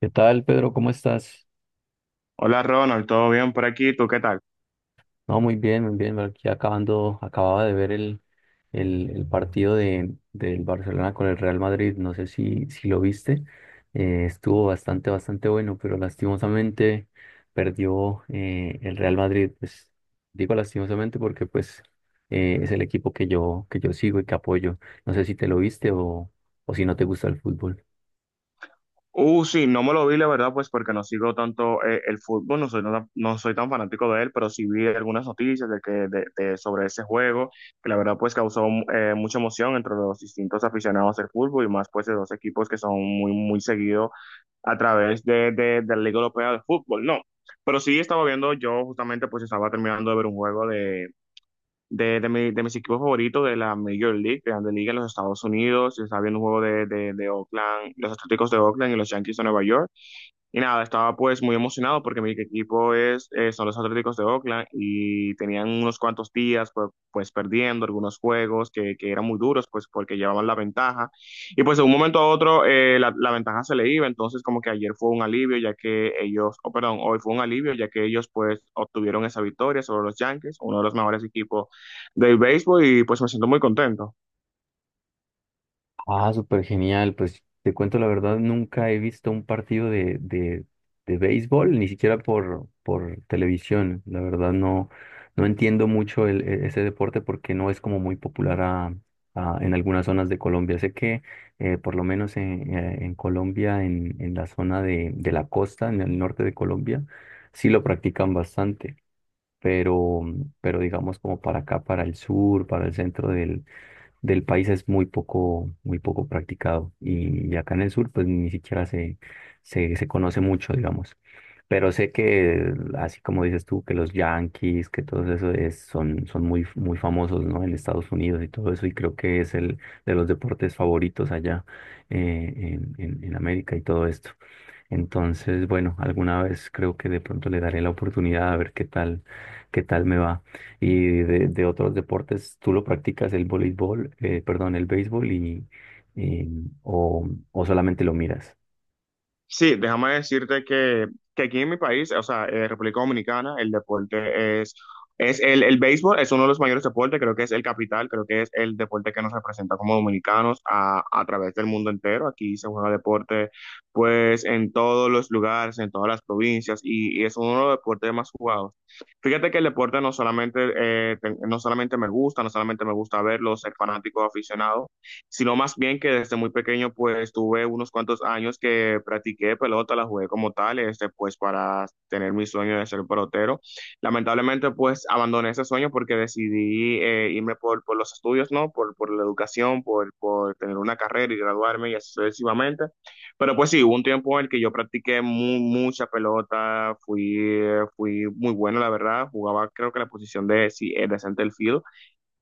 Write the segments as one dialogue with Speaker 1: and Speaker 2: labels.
Speaker 1: ¿Qué tal, Pedro? ¿Cómo estás?
Speaker 2: Hola Ronald, ¿todo bien por aquí? ¿Tú qué tal?
Speaker 1: No, muy bien, muy bien. Aquí acababa de ver el partido del Barcelona con el Real Madrid. No sé si lo viste. Estuvo bastante, bastante bueno, pero lastimosamente perdió el Real Madrid. Pues digo lastimosamente porque pues es el equipo que yo sigo y que apoyo. No sé si te lo viste o si no te gusta el fútbol.
Speaker 2: Sí, no me lo vi, la verdad, pues porque no sigo tanto el fútbol, no soy tan fanático de él, pero sí vi algunas noticias de que, de- sobre ese juego, que la verdad pues causó mucha emoción entre los distintos aficionados del fútbol y más pues de dos equipos que son muy, muy seguidos a través de la Liga Europea de Fútbol, ¿no? Pero sí estaba viendo, yo justamente pues estaba terminando de ver un juego de mis equipos favoritos de la Major League, Grande Liga en los Estados Unidos. Estaba viendo un juego de Oakland, los Atléticos de Oakland y los Yankees de Nueva York. Y nada, estaba pues muy emocionado porque mi equipo es, son los Atléticos de Oakland y tenían unos cuantos días pues, pues perdiendo algunos juegos que eran muy duros pues porque llevaban la ventaja. Y pues de un momento a otro la ventaja se le iba, entonces como que ayer fue un alivio ya que ellos, oh, perdón, hoy fue un alivio ya que ellos pues obtuvieron esa victoria sobre los Yankees, uno de los mejores equipos del béisbol y pues me siento muy contento.
Speaker 1: Ah, súper genial. Pues te cuento la verdad, nunca he visto un partido de béisbol, ni siquiera por televisión. La verdad no, no entiendo mucho ese deporte porque no es como muy popular en algunas zonas de Colombia. Sé que por lo menos en Colombia, en la zona de la costa, en el norte de Colombia, sí lo practican bastante. Pero, pero digamos como para acá, para el sur, para el centro del país es muy poco practicado. Y acá en el sur, pues ni siquiera se conoce mucho, digamos. Pero sé que, así como dices tú, que los Yankees, que todo eso son muy, muy famosos, ¿no? En Estados Unidos y todo eso, y creo que es el de los deportes favoritos allá en América y todo esto. Entonces, bueno, alguna vez creo que de pronto le daré la oportunidad a ver qué tal me va y de otros deportes, tú lo practicas el voleibol, perdón, el béisbol y, o solamente lo miras.
Speaker 2: Sí, déjame decirte que aquí en mi país, o sea, República Dominicana, el deporte es el béisbol es uno de los mayores deportes, creo que es el capital, creo que es el deporte que nos representa como dominicanos a través del mundo entero. Aquí se juega deporte, pues, en todos los lugares, en todas las provincias, y es uno de los deportes más jugados. Fíjate que el deporte no solamente, no solamente me gusta, no solamente me gusta verlo, ser fanático, aficionado sino más bien que desde muy pequeño pues tuve unos cuantos años que practiqué pelota, la jugué como tal, este, pues para tener mi sueño de ser pelotero. Lamentablemente pues abandoné ese sueño porque decidí irme por por los estudios, ¿no? Por la educación, por tener una carrera y graduarme y así sucesivamente. Pero pues sí, hubo un tiempo en el que yo practiqué mucha pelota, fui, fui muy bueno, la verdad, jugaba creo que la posición de, sí, de center field.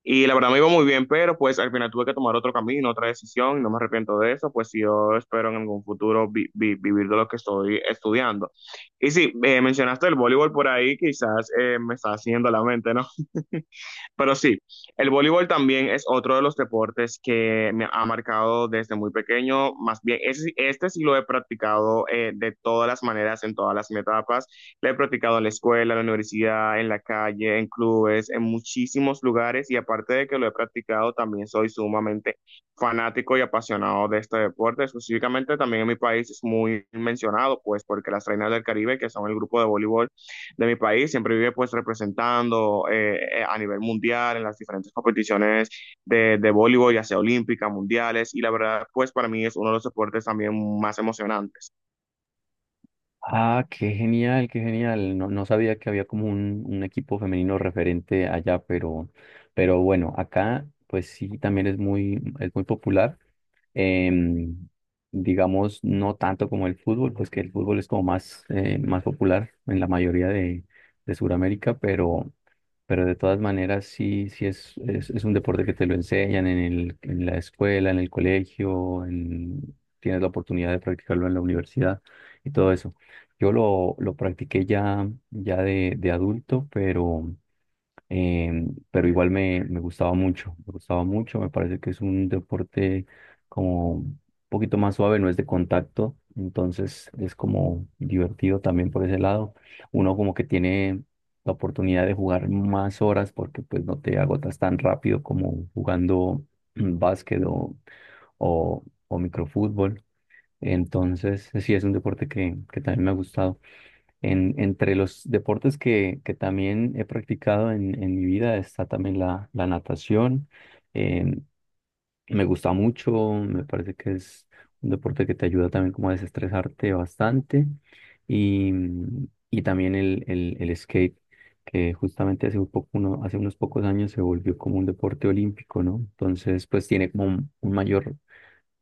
Speaker 2: Y la verdad me iba muy bien, pero pues al final tuve que tomar otro camino, otra decisión, y no me arrepiento de eso, pues sí, yo espero en algún futuro vivir de lo que estoy estudiando. Y sí, mencionaste el voleibol por ahí, quizás me está haciendo la mente, ¿no? Pero sí, el voleibol también es otro de los deportes que me ha marcado desde muy pequeño. Más bien, sí, este sí lo he practicado de todas las maneras, en todas las etapas. Lo he practicado en la escuela, en la universidad, en la calle, en clubes, en muchísimos lugares. Y aparte de que lo he practicado, también soy sumamente fanático y apasionado de este deporte. Específicamente también en mi país es muy mencionado, pues porque las Reinas del Caribe, que son el grupo de voleibol, de mi país, siempre vive pues representando a nivel mundial en las diferentes competiciones de voleibol, ya sea olímpica, mundiales, y la verdad pues para mí es uno de los deportes también más emocionantes.
Speaker 1: Ah, qué genial, qué genial. No, no sabía que había como un equipo femenino referente allá, pero, bueno, acá pues sí también es muy popular. Em, digamos, no tanto como el fútbol, pues que el fútbol es como más popular en la mayoría de Sudamérica, pero de todas maneras sí, sí es un deporte que te lo enseñan en la escuela, en el colegio, tienes la oportunidad de practicarlo en la universidad y todo eso. Yo lo practiqué ya de adulto, pero, pero igual me gustaba mucho, me gustaba mucho, me parece que es un deporte como un poquito más suave, no es de contacto, entonces es como divertido también por ese lado. Uno como que tiene la oportunidad de jugar más horas porque pues no te agotas tan rápido como jugando básquet o, o microfútbol, entonces sí es un deporte que también me ha gustado. Entre los deportes que también he practicado en mi vida está también la natación. Eh, me gusta mucho, me parece que es un deporte que te ayuda también como a desestresarte bastante. Y, y también el skate, que justamente hace unos pocos años se volvió como un deporte olímpico, ¿no? Entonces, pues tiene como un mayor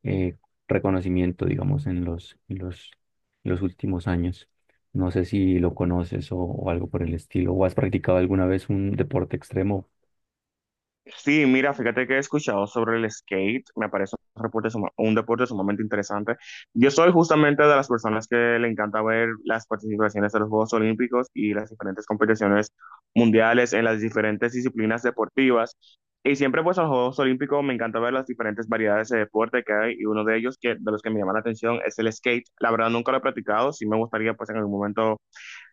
Speaker 1: eh, reconocimiento, digamos, en los últimos años. No sé si lo conoces o algo por el estilo, o has practicado alguna vez un deporte extremo.
Speaker 2: Sí, mira, fíjate que he escuchado sobre el skate, me parece un deporte, un deporte sumamente interesante. Yo soy justamente de las personas que le encanta ver las participaciones de los Juegos Olímpicos y las diferentes competiciones mundiales en las diferentes disciplinas deportivas. Y siempre pues en los Juegos Olímpicos me encanta ver las diferentes variedades de deporte que hay y uno de ellos que, de los que me llama la atención es el skate. La verdad nunca lo he practicado, sí me gustaría pues en algún momento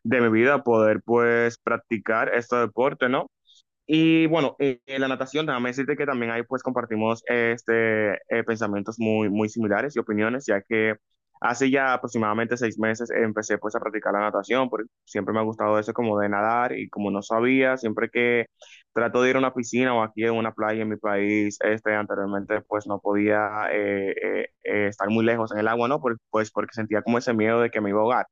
Speaker 2: de mi vida poder pues practicar este deporte, ¿no? Y bueno, en la natación, déjame decirte que también ahí pues compartimos este, pensamientos muy, muy similares y opiniones, ya que hace ya aproximadamente seis meses empecé pues a practicar la natación, porque siempre me ha gustado eso como de nadar y como no sabía, siempre que trato de ir a una piscina o aquí en una playa en mi país, este, anteriormente pues no podía estar muy lejos en el agua, ¿no? Pues porque sentía como ese miedo de que me iba a ahogar.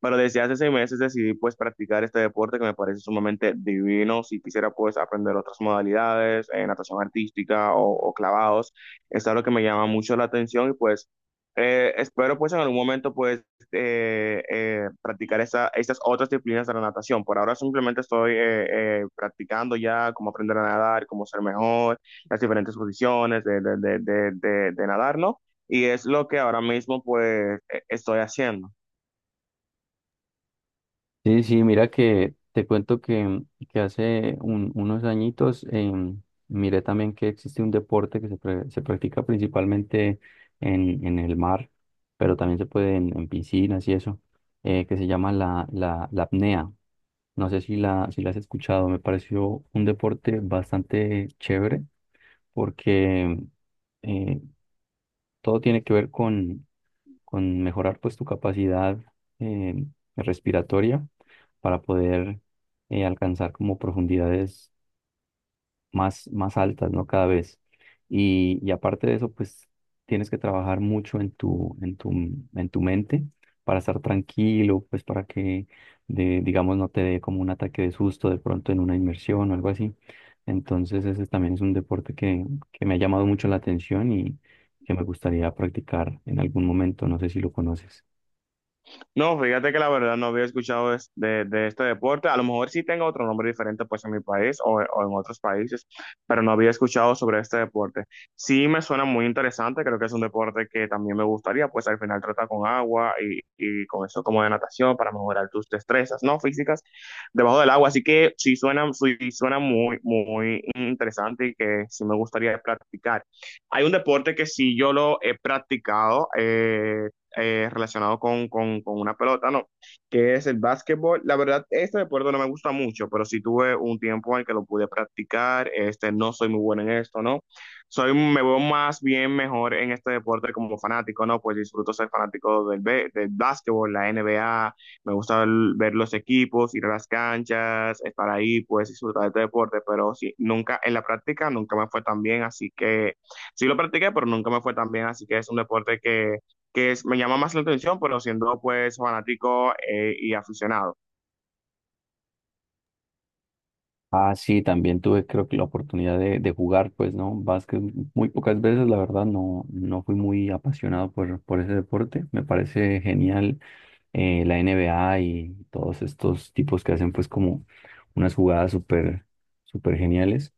Speaker 2: Pero desde hace seis meses decidí pues practicar este deporte que me parece sumamente divino. Si quisiera pues aprender otras modalidades, natación artística o clavados, es algo que me llama mucho la atención y pues espero pues en algún momento pues practicar esa, estas otras disciplinas de la natación. Por ahora simplemente estoy practicando ya cómo aprender a nadar, cómo ser mejor, las diferentes posiciones de nadar, ¿no? Y es lo que ahora mismo pues estoy haciendo.
Speaker 1: Sí, sí, mira que te cuento que, hace unos añitos, miré también que existe un deporte que se practica principalmente en el mar, pero también se puede en piscinas y eso, que se llama la apnea. No sé si la has escuchado, me pareció un deporte bastante chévere porque eh, todo tiene que ver con mejorar pues tu capacidad eh, respiratoria para poder alcanzar como profundidades más, más altas, ¿no? Cada vez. Y aparte de eso, pues tienes que trabajar mucho en tu, en tu mente para estar tranquilo, pues para que, digamos, no te dé como un ataque de susto de pronto en una inmersión o algo así. Entonces, ese también es un deporte que me ha llamado mucho la atención y que me gustaría practicar en algún momento. No sé si lo conoces.
Speaker 2: No, fíjate que la verdad no había escuchado de de este deporte. A lo mejor sí tengo otro nombre diferente pues en mi país o en otros países, pero no había escuchado sobre este deporte. Sí me suena muy interesante, creo que es un deporte que también me gustaría, pues al final trata con agua y con eso como de natación para mejorar tus destrezas, ¿no? Físicas debajo del agua. Así que sí suena muy, muy interesante y que sí me gustaría practicar. Hay un deporte que sí yo lo he practicado. Relacionado con una pelota, ¿no? Que es el básquetbol. La verdad, este deporte no me gusta mucho, pero sí tuve un tiempo en el que lo pude practicar. Este, no soy muy bueno en esto, ¿no? Soy, me veo más bien mejor en este deporte como fanático, ¿no? Pues disfruto ser fanático del básquetbol, la NBA, me gusta ver los equipos, ir a las canchas, estar ahí, pues disfrutar de este deporte, pero sí, nunca, en la práctica nunca me fue tan bien, así que sí lo practiqué, pero nunca me fue tan bien, así que es un deporte que me llama más la atención, pero siendo pues fanático y aficionado.
Speaker 1: Ah, sí, también tuve creo que la oportunidad de jugar, pues, ¿no? Básquet muy pocas veces, la verdad, no, no fui muy apasionado por ese deporte. Me parece genial la N B A y todos estos tipos que hacen pues como unas jugadas súper, súper geniales,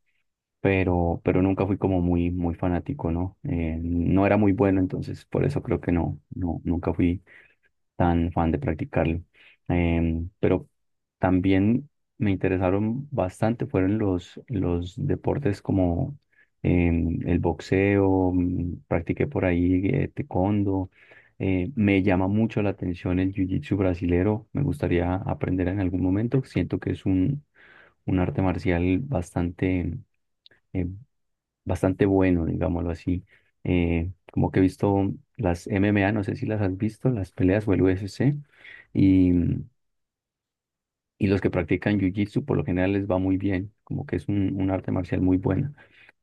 Speaker 1: pero, nunca fui como muy, muy fanático, ¿no? No era muy bueno, entonces por eso creo que no, no, nunca fui tan fan de practicarlo. Pero también me interesaron bastante, fueron los deportes como el boxeo, practiqué por ahí taekwondo. Me llama mucho la atención el jiu-jitsu brasilero, me gustaría aprender en algún momento, siento que es un arte marcial eh, bastante bueno, digámoslo así. Como que he visto las MMA, no sé si las has visto, las peleas o el UFC, y, y los que practican Jiu-Jitsu por lo general les va muy bien, como que es un arte marcial muy buena.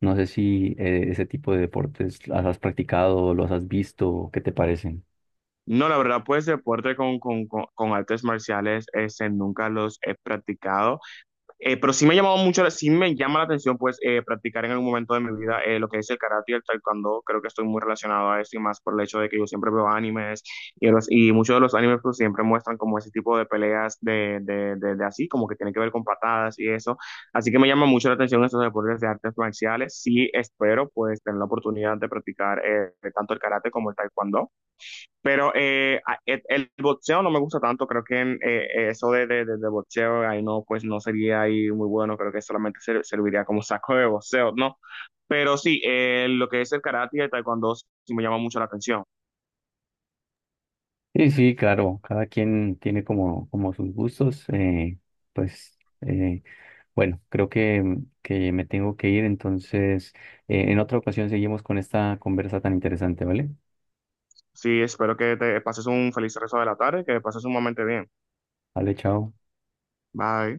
Speaker 1: No sé si ese tipo de deportes las has practicado, los has visto, ¿qué te parecen?
Speaker 2: No, la verdad, pues deporte con artes marciales, ese nunca los he practicado. Pero sí me ha llamado mucho, sí me llama la atención pues practicar en algún momento de mi vida lo que es el karate y el taekwondo. Creo que estoy muy relacionado a esto y más por el hecho de que yo siempre veo animes y muchos de los animes pues siempre muestran como ese tipo de peleas de así, como que tiene que ver con patadas y eso. Así que me llama mucho la atención estos deportes de artes marciales. Sí espero pues tener la oportunidad de practicar tanto el karate como el taekwondo. Pero el boxeo no me gusta tanto, creo que en, eso de boxeo ahí no, pues no sería ahí muy bueno, creo que solamente serviría como saco de boxeo, ¿no? Pero sí, lo que es el karate y el taekwondo sí me llama mucho la atención.
Speaker 1: Sí, sí, claro, cada quien tiene como sus gustos, pues eh, bueno, creo que me tengo que ir, entonces en otra ocasión seguimos con esta conversa tan interesante, ¿vale?
Speaker 2: Sí, espero que te pases un feliz resto de la tarde, que pases un momento bien.
Speaker 1: Vale, chao.
Speaker 2: Bye.